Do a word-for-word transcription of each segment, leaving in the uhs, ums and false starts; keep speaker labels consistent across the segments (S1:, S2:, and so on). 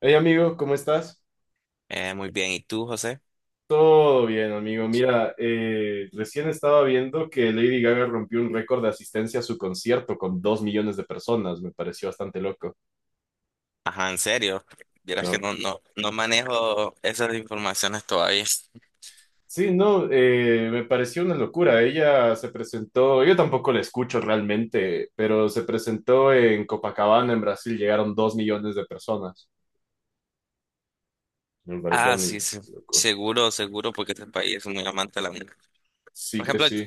S1: Hey amigo, ¿cómo estás?
S2: Eh, muy bien, ¿y tú, José?
S1: Todo bien, amigo. Mira, eh, recién estaba viendo que Lady Gaga rompió un récord de asistencia a su concierto con dos millones de personas. Me pareció bastante loco,
S2: Ajá, en serio. Vieras que
S1: ¿no?
S2: no, no, no manejo esas informaciones todavía.
S1: Sí, no, eh, me pareció una locura. Ella se presentó, yo tampoco la escucho realmente, pero se presentó en Copacabana, en Brasil, llegaron dos millones de personas. Me pareció
S2: Ah,
S1: muy
S2: sí, sí.
S1: loco.
S2: Seguro, seguro, porque este país es muy amante de la música. Por
S1: Sí que
S2: ejemplo,
S1: sí.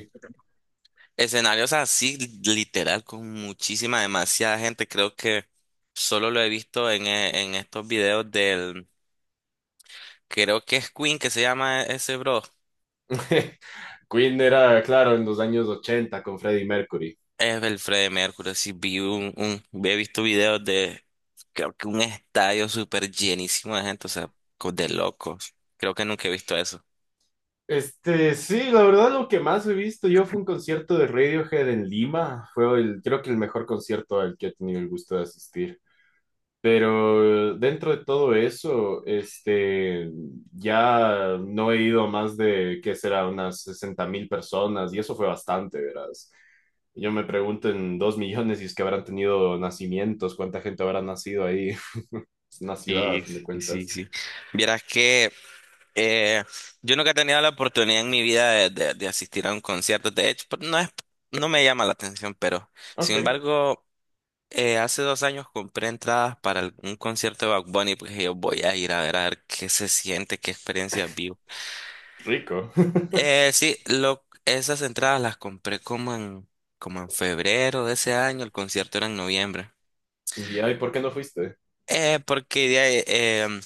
S2: escenarios así, literal, con muchísima, demasiada gente. Creo que solo lo he visto en, eh, en estos videos del. Creo que es Queen que se llama ese bro.
S1: Queen era, claro, en los años ochenta con Freddie Mercury.
S2: Es el Freddie Mercury, sí, vi un, un- he visto videos de, creo que un estadio súper llenísimo de gente, o sea, co- de locos. Creo que nunca he visto eso.
S1: Este, sí, la verdad lo que más he visto yo fue un concierto de Radiohead en Lima. Fue el, creo que el mejor concierto al que he tenido el gusto de asistir. Pero dentro de todo eso, este, ya no he ido a más de, ¿qué será? Unas sesenta mil personas y eso fue bastante, verás. Yo me pregunto en dos millones y es que habrán tenido nacimientos, cuánta gente habrá nacido ahí. Es una ciudad, a
S2: Y
S1: fin de
S2: sí, sí,
S1: cuentas.
S2: sí. Vieras que eh, yo nunca he tenido la oportunidad en mi vida de, de- de asistir a un concierto, de hecho, pues, no es, no me llama la atención, pero
S1: Ok,
S2: sin embargo, eh, hace dos años compré entradas para el- un concierto de Bad Bunny, porque yo voy a ir a ver, a ver qué se siente, qué experiencia vivo.
S1: rico.
S2: Eh, sí, lo, esas entradas las compré como en, como en febrero de ese año, el concierto era en noviembre.
S1: ¿Y ay, por qué no fuiste?
S2: Eh, porque de ahí, em,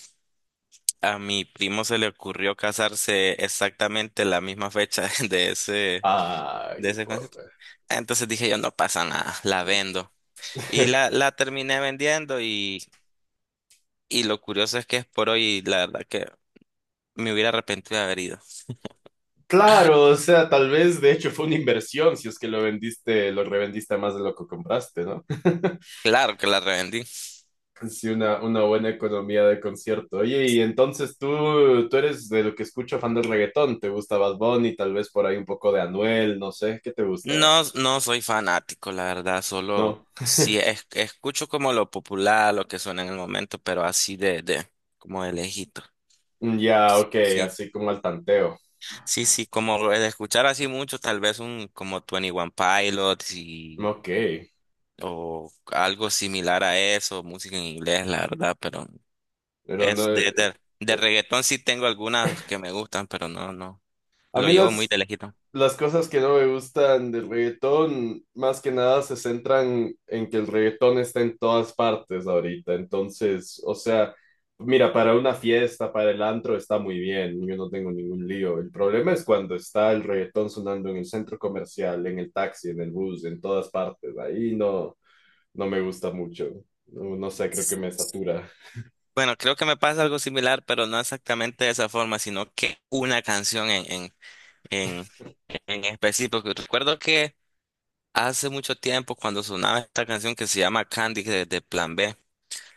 S2: a mi primo se le ocurrió casarse exactamente la misma fecha de ese, de
S1: Ay,
S2: ese concierto.
S1: porra.
S2: Entonces dije yo, no pasa nada, la vendo. Y la, la terminé vendiendo y, y lo curioso es que es por hoy, y la verdad que me hubiera arrepentido de haber ido.
S1: Claro, o sea, tal vez de hecho fue una inversión si es que lo vendiste, lo revendiste más de lo que compraste, ¿no?
S2: Claro que la revendí.
S1: Sí, una, una buena economía de concierto. Oye, y entonces tú, tú eres de lo que escucho fan del reggaetón, ¿te gusta Bad Bunny? Tal vez por ahí un poco de Anuel, no sé, ¿qué te gusta?
S2: No, no soy fanático, la verdad, solo
S1: No.
S2: si es- escucho como lo popular, lo que suena en el momento, pero así de, de, como de lejito.
S1: Mm, ya, ok,
S2: Sí,
S1: así como al tanteo.
S2: sí, sí, como lo de escuchar así mucho, tal vez un como Twenty One Pilots y,
S1: Ok,
S2: o algo similar a eso, música en inglés, la verdad, pero
S1: pero
S2: es
S1: no,
S2: de,
S1: eh,
S2: de, de reggaetón sí tengo algunas que me gustan, pero no, no,
S1: a
S2: lo
S1: mí
S2: llevo muy
S1: las,
S2: de lejito.
S1: las cosas que no me gustan del reggaetón, más que nada se centran en que el reggaetón está en todas partes ahorita. Entonces, o sea, mira, para una fiesta, para el antro está muy bien, yo no tengo ningún lío. El problema es cuando está el reggaetón sonando en el centro comercial, en el taxi, en el bus, en todas partes. Ahí no, no me gusta mucho. No, no sé, creo que me satura.
S2: Bueno, creo que me pasa algo similar, pero no exactamente de esa forma, sino que una canción en, en, en, en específico. Recuerdo que hace mucho tiempo, cuando sonaba esta canción que se llama Candy de, de Plan B,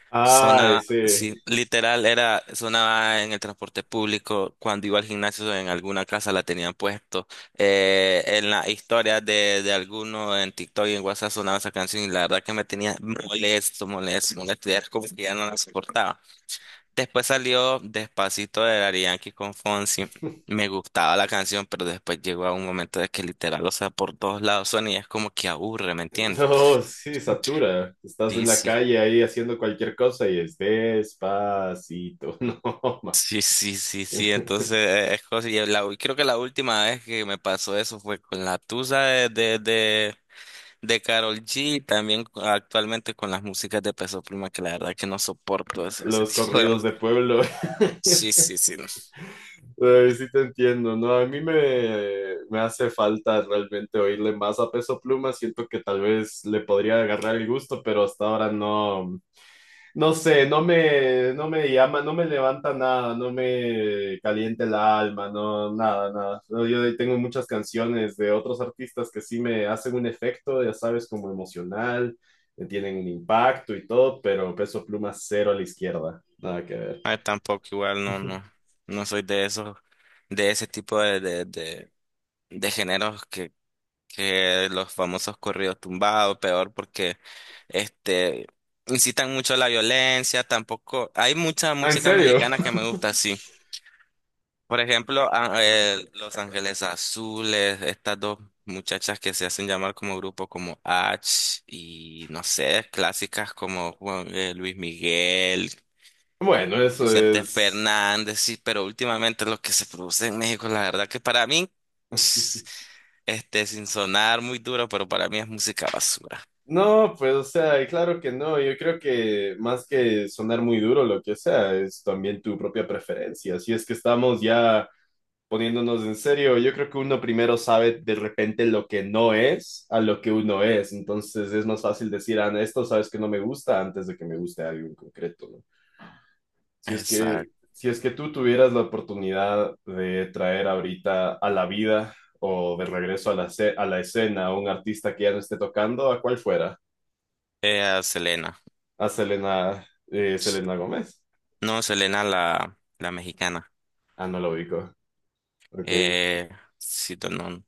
S1: Ay,
S2: sonaba,
S1: sí.
S2: sí, literal, era, sonaba en el transporte público, cuando iba al gimnasio, en alguna casa la tenían puesto. Eh, en las historias de, de alguno en TikTok y en WhatsApp sonaba esa canción y la verdad que me tenía molesto, molesto, molesto, ya era como que ya no la soportaba. Después salió Despacito de Daddy Yankee con Fonsi. Me gustaba la canción, pero después llegó a un momento de que literal, o sea, por todos lados son y es como que aburre, ¿me entiendes?
S1: No, sí, satura. Estás
S2: Sí,
S1: en la
S2: sí.
S1: calle ahí haciendo cualquier cosa y es despacito. No, man.
S2: Sí, sí, sí, sí. Entonces, eh, es cosa. Y la u- creo que la última vez que me pasó eso fue con la Tusa de, de, de, de Karol G. Y también cu- actualmente con las músicas de Peso Pluma, que la verdad que no soporto eso, ese
S1: Los
S2: tipo de
S1: corridos de
S2: música.
S1: pueblo.
S2: Sí, sí, sí. No.
S1: Ay, sí te entiendo, ¿no? A mí me, me hace falta realmente oírle más a Peso Pluma. Siento que tal vez le podría agarrar el gusto, pero hasta ahora no. No sé, no me, no me llama, no me levanta nada, no me calienta el alma, no, nada, nada. No, yo tengo muchas canciones de otros artistas que sí me hacen un efecto, ya sabes, como emocional, me tienen un impacto y todo, pero Peso Pluma cero a la izquierda, nada que ver.
S2: Ah, tampoco igual no, no, no soy de esos, de ese tipo de, de, de, de géneros que, que los famosos corridos tumbados, peor porque este incitan mucho a la violencia, tampoco, hay mucha
S1: Ah, ¿en
S2: música
S1: serio?
S2: mexicana que me gusta así. Por ejemplo, a- eh, Los Ángeles Azules, estas dos muchachas que se hacen llamar como grupo como H y no sé, clásicas como Juan- eh, Luis Miguel,
S1: Bueno, eso
S2: Vicente
S1: es...
S2: Fernández, sí, pero últimamente lo que se produce en México, la verdad que para mí, este, sin sonar muy duro, pero para mí es música basura.
S1: No, pues, o sea, claro que no. Yo creo que más que sonar muy duro, lo que sea, es también tu propia preferencia. Si es que estamos ya poniéndonos en serio, yo creo que uno primero sabe de repente lo que no es a lo que uno es. Entonces es más fácil decir, ah, esto sabes que no me gusta antes de que me guste algo en concreto, ¿no? Si es que,
S2: Exacto.
S1: si es que tú tuvieras la oportunidad de traer ahorita a la vida o de regreso a la, ce- a la escena a un artista que ya no esté tocando, ¿a cuál fuera?
S2: Eh, a Selena.
S1: A Selena, eh,
S2: Sí.
S1: Selena Gómez.
S2: No, Selena la, la mexicana.
S1: Ah, no lo ubico. Ok.
S2: Eh, si no, no-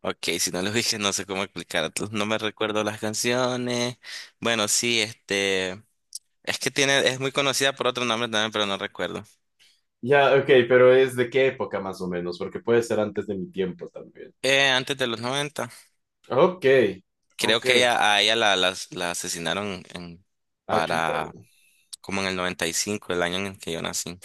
S2: ok, si no lo dije, no sé cómo explicar. No me recuerdo las canciones. Bueno, sí, este, es que tiene, es muy conocida por otro nombre también, pero no recuerdo.
S1: Ya, ok, pero ¿es de qué época más o menos? Porque puede ser antes de mi tiempo también.
S2: Eh, antes de los noventa.
S1: Ok,
S2: Creo
S1: ok,
S2: que ella, a ella la, la, la asesinaron en,
S1: ah, chuta,
S2: para
S1: güey.
S2: como en el noventa y cinco, el año en el que yo nací.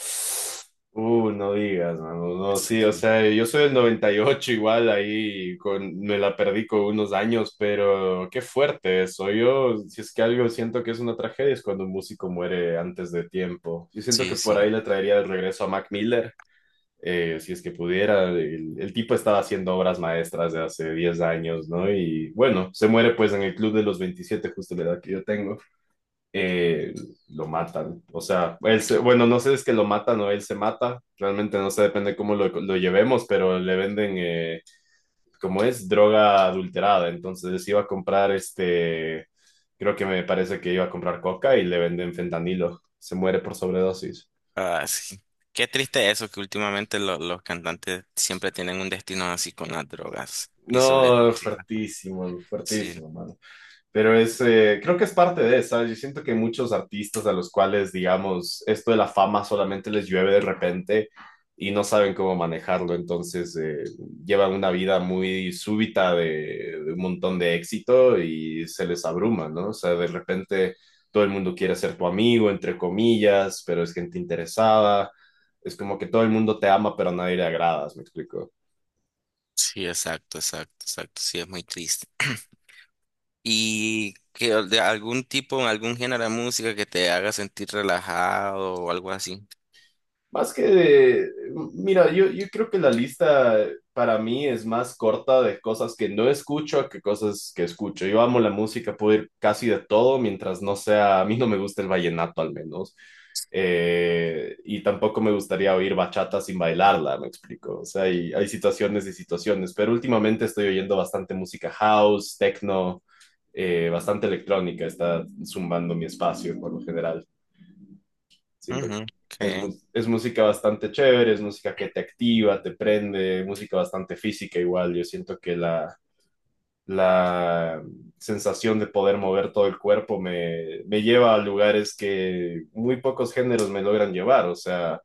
S1: Uh, no digas, mano, no,
S2: Sí,
S1: sí, o
S2: sí.
S1: sea, yo soy del noventa y ocho igual, ahí con, me la perdí con unos años, pero qué fuerte eso. Yo, si es que algo siento que es una tragedia, es cuando un músico muere antes de tiempo, yo siento que
S2: Sí,
S1: por ahí
S2: sí.
S1: le traería de regreso a Mac Miller, eh, si es que pudiera, el, el tipo estaba haciendo obras maestras de hace diez años, ¿no? Y bueno, se muere pues en el club de los veintisiete, justo la edad que yo tengo. eh, lo matan. O sea, él se- bueno, no sé si es que lo matan o él se mata. Realmente no sé, depende cómo lo, lo llevemos, pero le venden, eh, como es, droga adulterada. Entonces iba a comprar este, creo que me parece que iba a comprar coca y le venden fentanilo. Se muere por sobredosis.
S2: Ah, sí. Qué triste eso, que últimamente lo- los cantantes siempre tienen un destino así con las drogas y sobre todo
S1: No,
S2: esas cosas.
S1: fuertísimo,
S2: Sí,
S1: fuertísimo, mano. Pero es, eh, creo que es parte de, ¿sabes? Yo siento que muchos artistas a los cuales, digamos, esto de la fama solamente les llueve de repente y no saben cómo manejarlo, entonces eh, llevan una vida muy súbita de, de un montón de éxito y se les abruma, ¿no? O sea, de repente todo el mundo quiere ser tu amigo, entre comillas, pero es gente interesada, es como que todo el mundo te ama, pero a nadie le agradas, ¿me explico?
S2: sí, exacto, exacto, exacto. Sí, es muy triste. ¿Y que, de algún tipo, algún género de música que te haga sentir relajado o algo así?
S1: Más que mira, yo, yo creo que la lista para mí es más corta de cosas que no escucho que cosas que escucho. Yo amo la música, puedo ir casi de todo mientras no sea, a mí no me gusta el vallenato al menos. Eh, y tampoco me gustaría oír bachata sin bailarla, me explico. O sea, hay, hay situaciones y situaciones, pero últimamente estoy oyendo bastante música house, techno, eh, bastante electrónica, está zumbando mi espacio por lo general. Siento
S2: Ujú,
S1: que es,
S2: ok.
S1: mu- es música bastante chévere, es música que te activa, te prende, música bastante física igual. Yo siento que la, la sensación de poder mover todo el cuerpo me, me lleva a lugares que muy pocos géneros me logran llevar. O sea,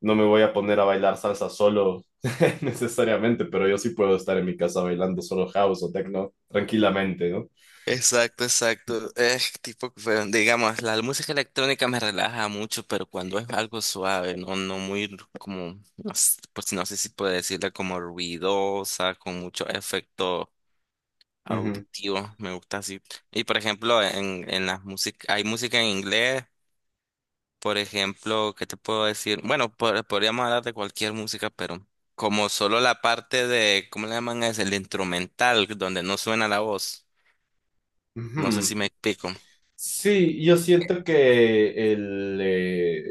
S1: no me voy a poner a bailar salsa solo necesariamente, pero yo sí puedo estar en mi casa bailando solo house o techno tranquilamente, ¿no?
S2: Exacto, exacto. Es tipo, pero, digamos, la música electrónica me relaja mucho, pero cuando es algo suave, no, no muy como, no sé, pues no sé si puedo decirle como ruidosa, con mucho efecto
S1: Ujú,
S2: auditivo, me gusta así. Y por ejemplo, en, en las músicas, hay música en inglés, por ejemplo, ¿qué te puedo decir? Bueno, por- podríamos hablar de cualquier música, pero como solo la parte de, ¿cómo le llaman? Es el instrumental, donde no suena la voz. No sé
S1: ujú.
S2: si me explico.
S1: Sí, yo siento que el, eh,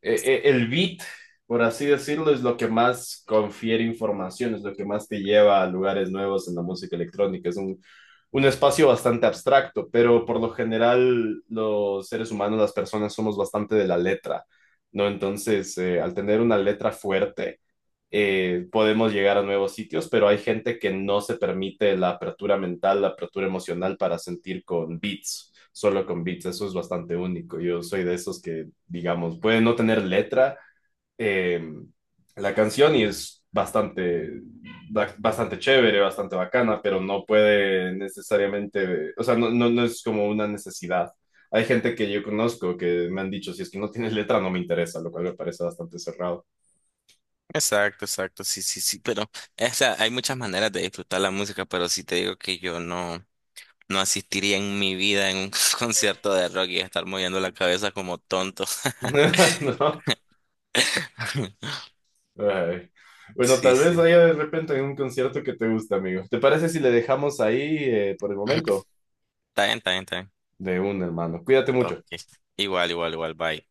S1: e- e- el beat, por así decirlo, es lo que más confiere información, es lo que más te lleva a lugares nuevos en la música electrónica. Es un, un espacio bastante abstracto, pero por lo general los seres humanos, las personas, somos bastante de la letra, ¿no? Entonces, eh, al tener una letra fuerte, eh, podemos llegar a nuevos sitios, pero hay gente que no se permite la apertura mental, la apertura emocional para sentir con beats, solo con beats. Eso es bastante único. Yo soy de esos que, digamos, puede no tener letra eh, la canción y es bastante, ba- bastante chévere, bastante bacana, pero no puede necesariamente, o sea, no, no, no es como una necesidad. Hay gente que yo conozco que me han dicho, si es que no tienes letra, no me interesa, lo cual me parece bastante cerrado.
S2: Exacto, exacto, sí, sí, sí, pero o sea, hay muchas maneras de disfrutar la música, pero sí te digo que yo no, no asistiría en mi vida en un concierto de rock y estar moviendo la cabeza como tonto.
S1: ¿No? Ay. Bueno,
S2: Sí,
S1: tal vez
S2: sí.
S1: haya de repente un concierto que te guste, amigo. ¿Te parece si le dejamos ahí eh, por el momento?
S2: Está bien, está bien, está bien.
S1: De un hermano. Cuídate
S2: Ok.
S1: mucho.
S2: Igual, igual, igual, bye.